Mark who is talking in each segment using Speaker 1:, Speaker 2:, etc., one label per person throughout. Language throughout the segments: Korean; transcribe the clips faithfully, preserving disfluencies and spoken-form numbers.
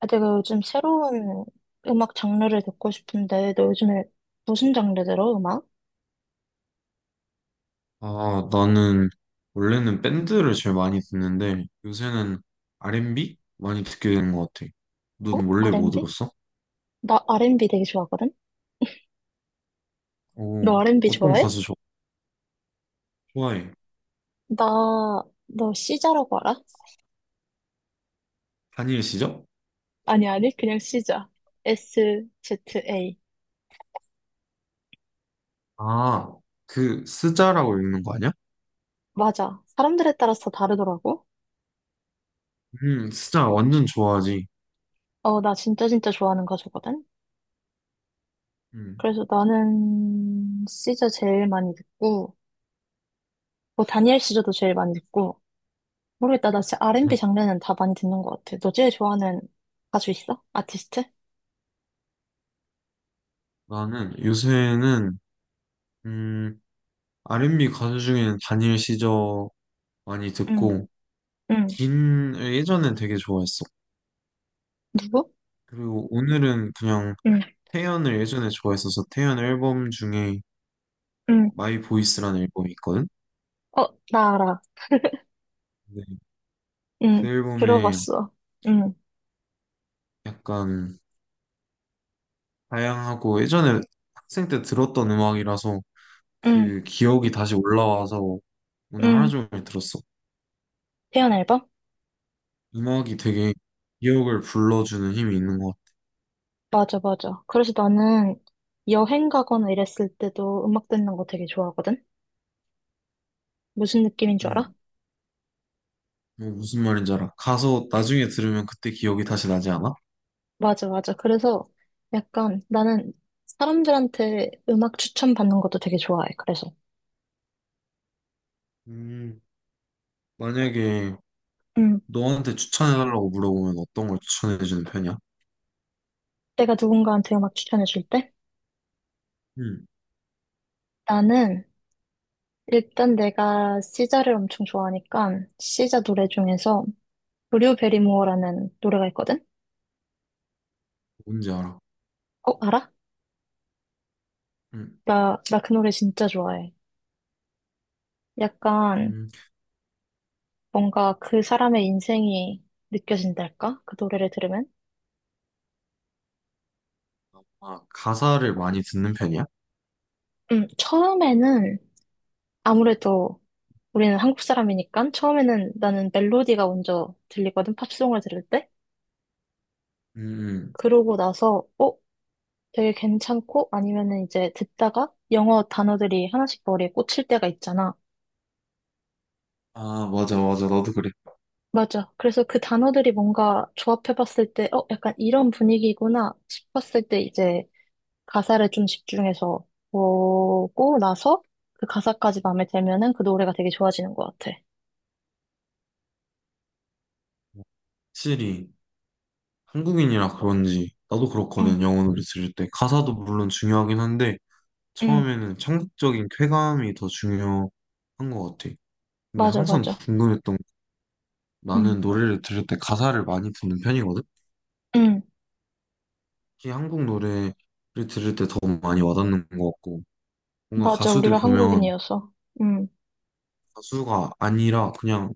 Speaker 1: 아, 내가 요즘 새로운 음악 장르를 듣고 싶은데, 너 요즘에 무슨 장르 들어, 음악?
Speaker 2: 아, 나는 원래는 밴드를 제일 많이 듣는데 요새는 알앤비 많이 듣게 되는 것 같아. 넌
Speaker 1: 어?
Speaker 2: 원래 뭐
Speaker 1: 알앤비?
Speaker 2: 들었어?
Speaker 1: 나 알앤비 되게 좋아하거든? 너
Speaker 2: 오,
Speaker 1: 알앤비
Speaker 2: 어떤
Speaker 1: 좋아해?
Speaker 2: 가수 좋- 좋아해?
Speaker 1: 나, 너 시자라고 알아?
Speaker 2: 다니엘 시죠?
Speaker 1: 아니, 아니, 그냥 시자. 에스 지 에이.
Speaker 2: 아, 그 스자라고 읽는 거 아니야?
Speaker 1: 맞아. 사람들에 따라서 다르더라고.
Speaker 2: 음, 스자 완전 좋아하지.
Speaker 1: 어, 나 진짜 진짜 좋아하는 가수거든?
Speaker 2: 음,
Speaker 1: 그래서 나는 시자 제일 많이 듣고, 뭐, 다니엘 시저도 제일 많이 듣고, 모르겠다. 나 진짜 알앤비 장르는 다 많이 듣는 것 같아. 너 제일 좋아하는 가수 있어? 아티스트?
Speaker 2: 나는 요새는 음, 알앤비 가수 중에는 다니엘 시저 많이
Speaker 1: 응,
Speaker 2: 듣고
Speaker 1: 응,
Speaker 2: 긴 예전엔 되게 좋아했어.
Speaker 1: 누구?
Speaker 2: 그리고 오늘은 그냥
Speaker 1: 응,
Speaker 2: 태연을 예전에 좋아했어서 태연 앨범 중에
Speaker 1: 응,
Speaker 2: 마이 보이스라는 앨범이 있거든.
Speaker 1: 어, 나 알아.
Speaker 2: 근데 그
Speaker 1: 응,
Speaker 2: 앨범에
Speaker 1: 들어봤어. 응,
Speaker 2: 약간 다양하고 예전에 학생 때 들었던 음악이라서
Speaker 1: 응,
Speaker 2: 그 기억이 다시 올라와서 오늘 하루
Speaker 1: 응.
Speaker 2: 종일 들었어.
Speaker 1: 태연 앨범?
Speaker 2: 음악이 되게 기억을 불러주는 힘이 있는 것 같아.
Speaker 1: 맞아, 맞아. 그래서 나는 여행 가거나 이랬을 때도 음악 듣는 거 되게 좋아하거든? 무슨 느낌인 줄 알아?
Speaker 2: 음, 뭐 무슨 말인지 알아. 가서 나중에 들으면 그때 기억이 다시 나지 않아?
Speaker 1: 맞아, 맞아. 그래서 약간 나는 사람들한테 음악 추천받는 것도 되게 좋아해. 그래서
Speaker 2: 음, 만약에
Speaker 1: 응.
Speaker 2: 너한테 추천해달라고 물어보면 어떤 걸 추천해주는 편이야?
Speaker 1: 내가 누군가한테 음악 추천해줄 때
Speaker 2: 음,
Speaker 1: 나는 일단 내가 시자를 엄청 좋아하니까 시자 노래 중에서 브류 베리모어라는 노래가 있거든?
Speaker 2: 뭔지 알아.
Speaker 1: 어, 알아?
Speaker 2: 음.
Speaker 1: 나, 나 그 노래 진짜 좋아해. 약간
Speaker 2: 음.
Speaker 1: 뭔가 그 사람의 인생이 느껴진달까? 그 노래를 들으면?
Speaker 2: 아, 가사를 많이 듣는 편이야?
Speaker 1: 음, 처음에는 아무래도 우리는 한국 사람이니까 처음에는 나는 멜로디가 먼저 들리거든, 팝송을 들을 때.
Speaker 2: 음,
Speaker 1: 그러고 나서, 어? 되게 괜찮고 아니면은 이제 듣다가 영어 단어들이 하나씩 머리에 꽂힐 때가 있잖아.
Speaker 2: 아, 맞아, 맞아. 나도 그래.
Speaker 1: 맞아. 그래서 그 단어들이 뭔가 조합해봤을 때, 어, 약간 이런 분위기구나 싶었을 때 이제 가사를 좀 집중해서 보고 나서 그 가사까지 마음에 들면은 그 노래가 되게 좋아지는 것 같아.
Speaker 2: 확실히 한국인이라 그런지 나도
Speaker 1: 응,
Speaker 2: 그렇거든. 영어 노래 들을 때. 가사도 물론 중요하긴 한데
Speaker 1: 응,
Speaker 2: 처음에는 청각적인 쾌감이 더 중요한 것 같아. 근데
Speaker 1: 맞아,
Speaker 2: 항상
Speaker 1: 맞아.
Speaker 2: 궁금했던 게
Speaker 1: 응,
Speaker 2: 나는 노래를 들을 때 가사를 많이 듣는 편이거든.
Speaker 1: 응,
Speaker 2: 특히 한국 노래를 들을 때 더 많이 와닿는 것 같고 뭔가
Speaker 1: 맞아.
Speaker 2: 가수들
Speaker 1: 우리가
Speaker 2: 보면
Speaker 1: 한국인이어서. 응,
Speaker 2: 가수가 아니라 그냥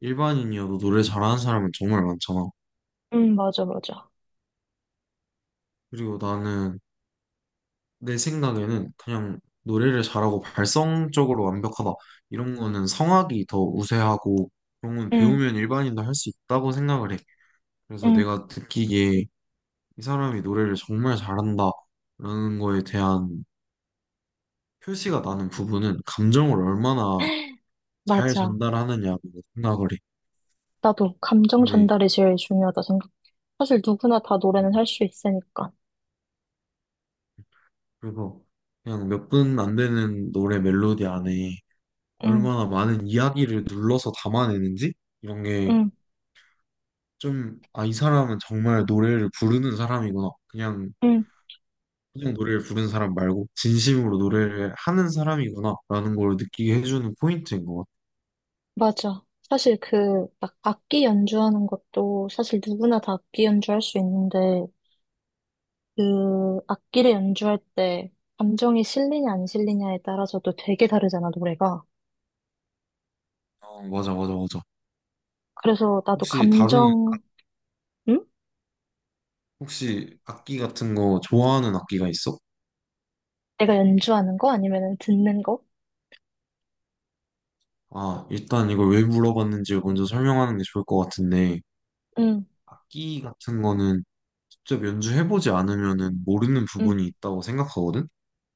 Speaker 2: 일반인이어도 노래 잘하는 사람은 정말 많잖아.
Speaker 1: 응, 맞아, 맞아.
Speaker 2: 그리고 나는 내 생각에는 그냥 노래를 잘하고 발성적으로 완벽하다 이런 거는 성악이 더 우세하고 그런 건
Speaker 1: 응,
Speaker 2: 배우면 일반인도 할 수 있다고 생각을 해. 그래서
Speaker 1: 응,
Speaker 2: 내가 느끼기에 이 사람이 노래를 정말 잘한다라는 거에 대한 표시가 나는 부분은 감정을 얼마나 잘
Speaker 1: 맞아.
Speaker 2: 전달하느냐고 생각을 해.
Speaker 1: 나도 감정
Speaker 2: 근데
Speaker 1: 전달이 제일 중요하다 생각. 사실 누구나 다 노래는 할 수 있으니까.
Speaker 2: 그래서 그냥 몇 분 안 되는 노래 멜로디 안에
Speaker 1: 응,
Speaker 2: 얼마나 많은 이야기를 눌러서 담아내는지 이런 게
Speaker 1: 응,
Speaker 2: 좀, 아, 이 사람은 정말 노래를 부르는 사람이구나. 그냥,
Speaker 1: 응.
Speaker 2: 그냥 노래를 부르는 사람 말고, 진심으로 노래를 하는 사람이구나. 라는 걸 느끼게 해주는 포인트인 것
Speaker 1: 맞아. 사실 그, 막 악기 연주하는 것도 사실 누구나 다 악기 연주할 수 있는데, 그, 악기를 연주할 때 감정이 실리냐 안 실리냐에 따라서도 되게 다르잖아, 노래가.
Speaker 2: 같아. 어, 맞아, 맞아, 맞아.
Speaker 1: 그래서 나도
Speaker 2: 혹시 다루는,
Speaker 1: 감정, 응?
Speaker 2: 혹시 악기 같은 거 좋아하는 악기가 있어?
Speaker 1: 내가 연주하는 거? 아니면 듣는 거?
Speaker 2: 아, 일단 이걸 왜 물어봤는지 먼저 설명하는 게 좋을 것 같은데,
Speaker 1: 응,
Speaker 2: 악기 같은 거는 직접 연주해보지 않으면은 모르는
Speaker 1: 응,
Speaker 2: 부분이 있다고 생각하거든?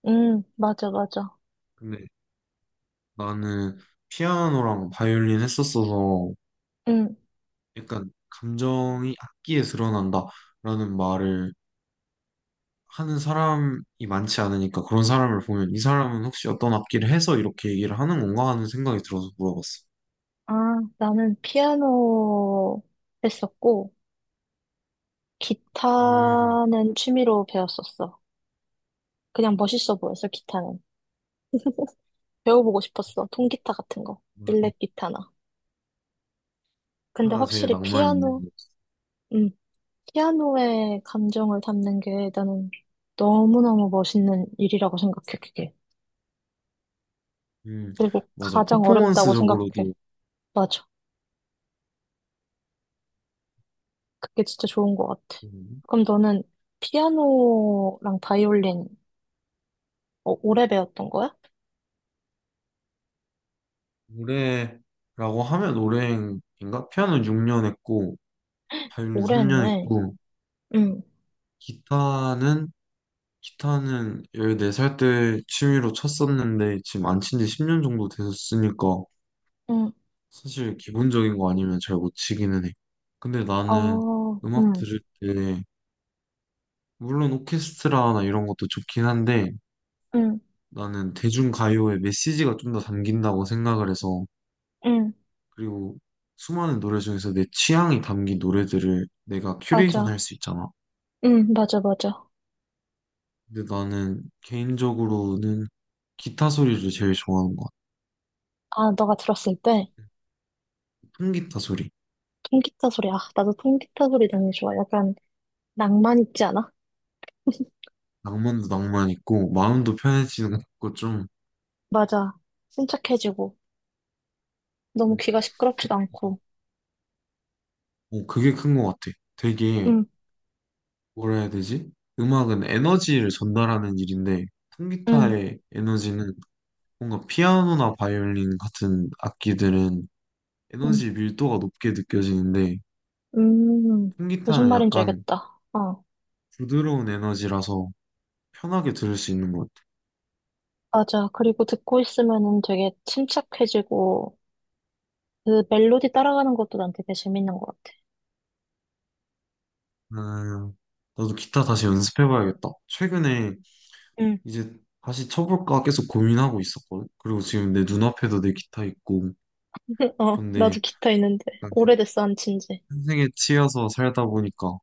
Speaker 1: 응, 맞아, 맞아.
Speaker 2: 근데 나는 피아노랑 바이올린 했었어서
Speaker 1: 응.
Speaker 2: 약간 감정이 악기에 드러난다라는 말을 하는 사람이 많지 않으니까 그런 사람을 보면 이 사람은 혹시 어떤 악기를 해서 이렇게 얘기를 하는 건가 하는 생각이 들어서 물어봤어.
Speaker 1: 아, 나는 피아노 했었고,
Speaker 2: 음,
Speaker 1: 기타는 취미로 배웠었어. 그냥 멋있어 보였어, 기타는. 배워보고 싶었어. 통기타 같은 거.
Speaker 2: 맞아.
Speaker 1: 일렉 기타나. 근데
Speaker 2: 가사가 제일
Speaker 1: 확실히
Speaker 2: 낭만이 있는
Speaker 1: 피아노,
Speaker 2: 거 같아.
Speaker 1: 음, 피아노의 감정을 담는 게 나는 너무너무 멋있는 일이라고 생각해, 그게.
Speaker 2: 음,
Speaker 1: 그리고
Speaker 2: 맞아.
Speaker 1: 가장 어렵다고 생각해.
Speaker 2: 퍼포먼스적으로도
Speaker 1: 맞아. 그게 진짜 좋은 것 같아.
Speaker 2: 음,
Speaker 1: 그럼 너는 피아노랑 바이올린 어, 오래 배웠던 거야?
Speaker 2: 노래라고 하면 노래인가? 피아노 육 년 했고, 바이올린
Speaker 1: 오래
Speaker 2: 삼 년
Speaker 1: 했네.
Speaker 2: 했고,
Speaker 1: 응,
Speaker 2: 기타는 기타는 열네 살 때 취미로 쳤었는데 지금 안 친 지 십 년 정도 됐으니까
Speaker 1: 응,
Speaker 2: 사실 기본적인 거 아니면 잘 못 치기는 해. 근데 나는
Speaker 1: 어,
Speaker 2: 음악
Speaker 1: 응,
Speaker 2: 들을 때 물론 오케스트라나 이런 것도 좋긴 한데
Speaker 1: 응,
Speaker 2: 나는 대중가요의 메시지가 좀 더 담긴다고 생각을 해서
Speaker 1: 응,
Speaker 2: 그리고 수많은 노래 중에서 내 취향이 담긴 노래들을 내가 큐레이션
Speaker 1: 맞아.
Speaker 2: 할 수 있잖아.
Speaker 1: 응, 맞아, 맞아.
Speaker 2: 근데 나는 개인적으로는 기타 소리를 제일 좋아하는 것 같아.
Speaker 1: 아, 너가 들었을 때?
Speaker 2: 통기타 소리.
Speaker 1: 통기타 소리. 아, 나도 통기타 소리 너무 좋아. 약간 낭만 있지 않아?
Speaker 2: 낭만도 낭만 있고 마음도 편해지는 것 같고 좀
Speaker 1: 맞아. 침착해지고 너무 귀가 시끄럽지도 않고.
Speaker 2: 어, 그게 큰 것 같아. 되게
Speaker 1: 응,
Speaker 2: 뭐라 해야 되지? 음악은 에너지를 전달하는 일인데
Speaker 1: 응,
Speaker 2: 통기타의 에너지는 뭔가 피아노나 바이올린 같은 악기들은
Speaker 1: 응.
Speaker 2: 에너지 밀도가 높게 느껴지는데
Speaker 1: 음, 무슨
Speaker 2: 통기타는
Speaker 1: 말인지
Speaker 2: 약간
Speaker 1: 알겠다. 어,
Speaker 2: 부드러운 에너지라서 편하게 들을 수 있는 것 같아.
Speaker 1: 맞아. 그리고 듣고 있으면은 되게 침착해지고 그 멜로디 따라가는 것도 난 되게 재밌는 것 같아.
Speaker 2: 음, 나도 기타 다시 연습해봐야겠다. 최근에
Speaker 1: 응,
Speaker 2: 이제 다시 쳐볼까 계속 고민하고 있었거든. 그리고 지금 내 눈앞에도 내 기타 있고.
Speaker 1: 어, 나도
Speaker 2: 그런데
Speaker 1: 기타 있는데
Speaker 2: 약간
Speaker 1: 오래됐어 안 친지.
Speaker 2: 현생에 치여서 살다 보니까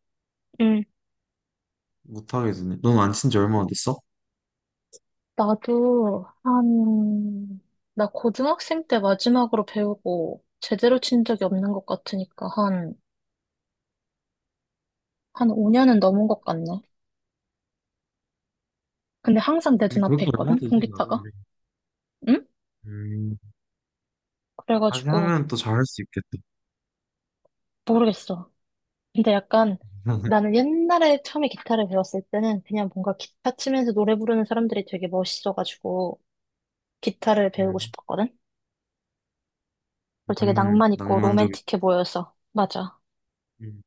Speaker 2: 못하게 되네. 넌 안 친지 얼마나 됐어?
Speaker 1: 나도 한, 나 고등학생 때 마지막으로 배우고 제대로 친 적이 없는 것 같으니까 한, 한 오 년은 넘은 것 같네. 근데 항상 내
Speaker 2: 근데
Speaker 1: 눈앞에
Speaker 2: 그것도 얼마
Speaker 1: 있거든,
Speaker 2: 되진
Speaker 1: 통기타가.
Speaker 2: 않은데.
Speaker 1: 응?
Speaker 2: 음, 다시
Speaker 1: 그래가지고
Speaker 2: 하면 또 잘할 수 있겠다.
Speaker 1: 모르겠어. 근데 약간 나는 옛날에 처음에 기타를 배웠을 때는 그냥 뭔가 기타 치면서 노래 부르는 사람들이 되게 멋있어가지고 기타를 배우고
Speaker 2: 음,
Speaker 1: 싶었거든. 그리고 되게
Speaker 2: 음,
Speaker 1: 낭만 있고
Speaker 2: 낭만적인.
Speaker 1: 로맨틱해 보여서. 맞아.
Speaker 2: 음.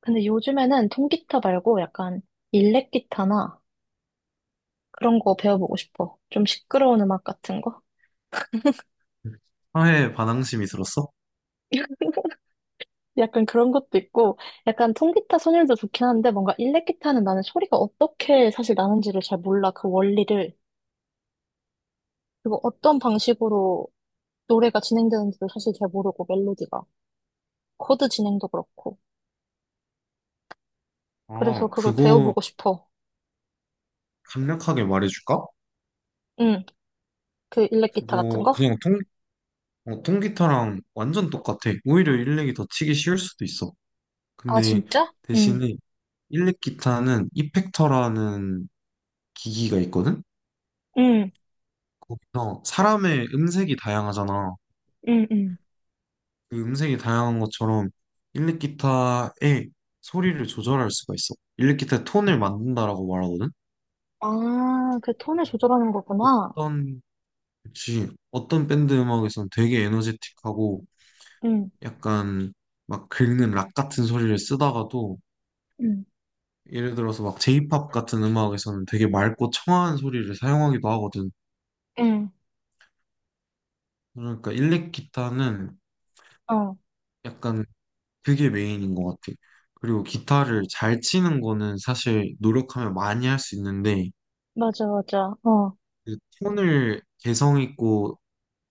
Speaker 1: 근데 요즘에는 통기타 말고 약간 일렉 기타나 그런 거 배워보고 싶어. 좀 시끄러운 음악 같은 거?
Speaker 2: 사회 반항심이 들었어?
Speaker 1: 약간 그런 것도 있고, 약간 통기타 선율도 좋긴 한데, 뭔가 일렉기타는 나는 소리가 어떻게 사실 나는지를 잘 몰라. 그 원리를. 그리고 어떤 방식으로 노래가 진행되는지도 사실 잘 모르고, 멜로디가. 코드 진행도 그렇고. 그래서
Speaker 2: 아,
Speaker 1: 그걸
Speaker 2: 그거
Speaker 1: 배워보고 싶어.
Speaker 2: 간략하게 말해줄까?
Speaker 1: 응, 그 일렉기타 같은
Speaker 2: 그거
Speaker 1: 거?
Speaker 2: 그냥 통, 어, 통기타랑 완전 똑같아. 오히려 일렉이 더 치기 쉬울 수도 있어.
Speaker 1: 아,
Speaker 2: 근데
Speaker 1: 진짜? 응,
Speaker 2: 대신에 일렉 기타는 이펙터라는 기기가 있거든?
Speaker 1: 응,
Speaker 2: 거기서 사람의 음색이 다양하잖아.
Speaker 1: 응, 응.
Speaker 2: 그 음색이 다양한 것처럼 일렉 기타의 소리를 조절할 수가 있어. 일렉 기타의 톤을 만든다라고 말하거든?
Speaker 1: 아, 그 톤을 조절하는 거구나.
Speaker 2: 어떤, 그치. 어떤 밴드 음악에서는 되게 에너제틱하고
Speaker 1: 응,
Speaker 2: 약간 막 긁는 락 같은 소리를 쓰다가도
Speaker 1: 응,
Speaker 2: 예를 들어서 막 J-pop 같은 음악에서는 되게 맑고 청아한 소리를 사용하기도 하거든.
Speaker 1: 응.
Speaker 2: 그러니까 일렉 기타는
Speaker 1: 어,
Speaker 2: 약간 그게 메인인 것 같아. 그리고 기타를 잘 치는 거는 사실 노력하면 많이 할 수 있는데,
Speaker 1: 맞아, 맞아. 어.
Speaker 2: 그 톤을 개성 있고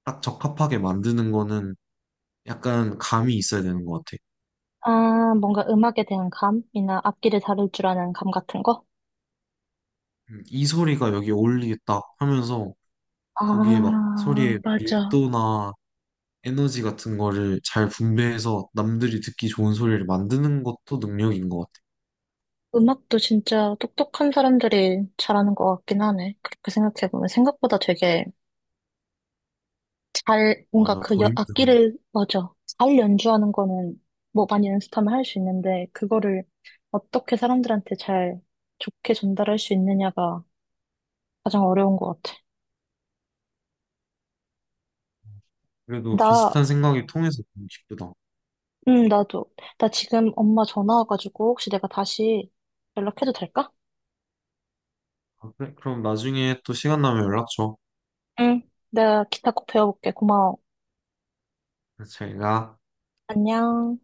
Speaker 2: 딱 적합하게 만드는 거는 약간 감이 있어야 되는 것 같아.
Speaker 1: 아, 뭔가 음악에 대한 감이나 악기를 다룰 줄 아는 감 같은 거?
Speaker 2: 음, 이 소리가 여기 어울리겠다 하면서
Speaker 1: 아,
Speaker 2: 거기에 막 소리의
Speaker 1: 맞아.
Speaker 2: 밀도나 에너지 같은 거를 잘 분배해서 남들이 듣기 좋은 소리를 만드는 것도 능력인 것 같아.
Speaker 1: 음악도 진짜 똑똑한 사람들이 잘하는 것 같긴 하네. 그렇게 생각해보면 생각보다 되게 잘, 뭔가
Speaker 2: 맞아,
Speaker 1: 그
Speaker 2: 더
Speaker 1: 여-
Speaker 2: 힘들어.
Speaker 1: 악기를, 맞아. 잘 연주하는 거는 뭐 많이 연습하면 할 수 있는데, 그거를 어떻게 사람들한테 잘 좋게 전달할 수 있느냐가 가장 어려운 것 같아.
Speaker 2: 그래도
Speaker 1: 나,
Speaker 2: 비슷한 생각이 통해서 너무 기쁘다.
Speaker 1: 음, 나도. 나 지금 엄마 전화 와가지고 혹시 내가 다시 연락해도 될까?
Speaker 2: 아, 그래? 그럼 나중에 또 시간 나면 연락 줘.
Speaker 1: 응, 내가 기타 꼭 배워볼게. 고마워.
Speaker 2: 그래서 저희가
Speaker 1: 안녕.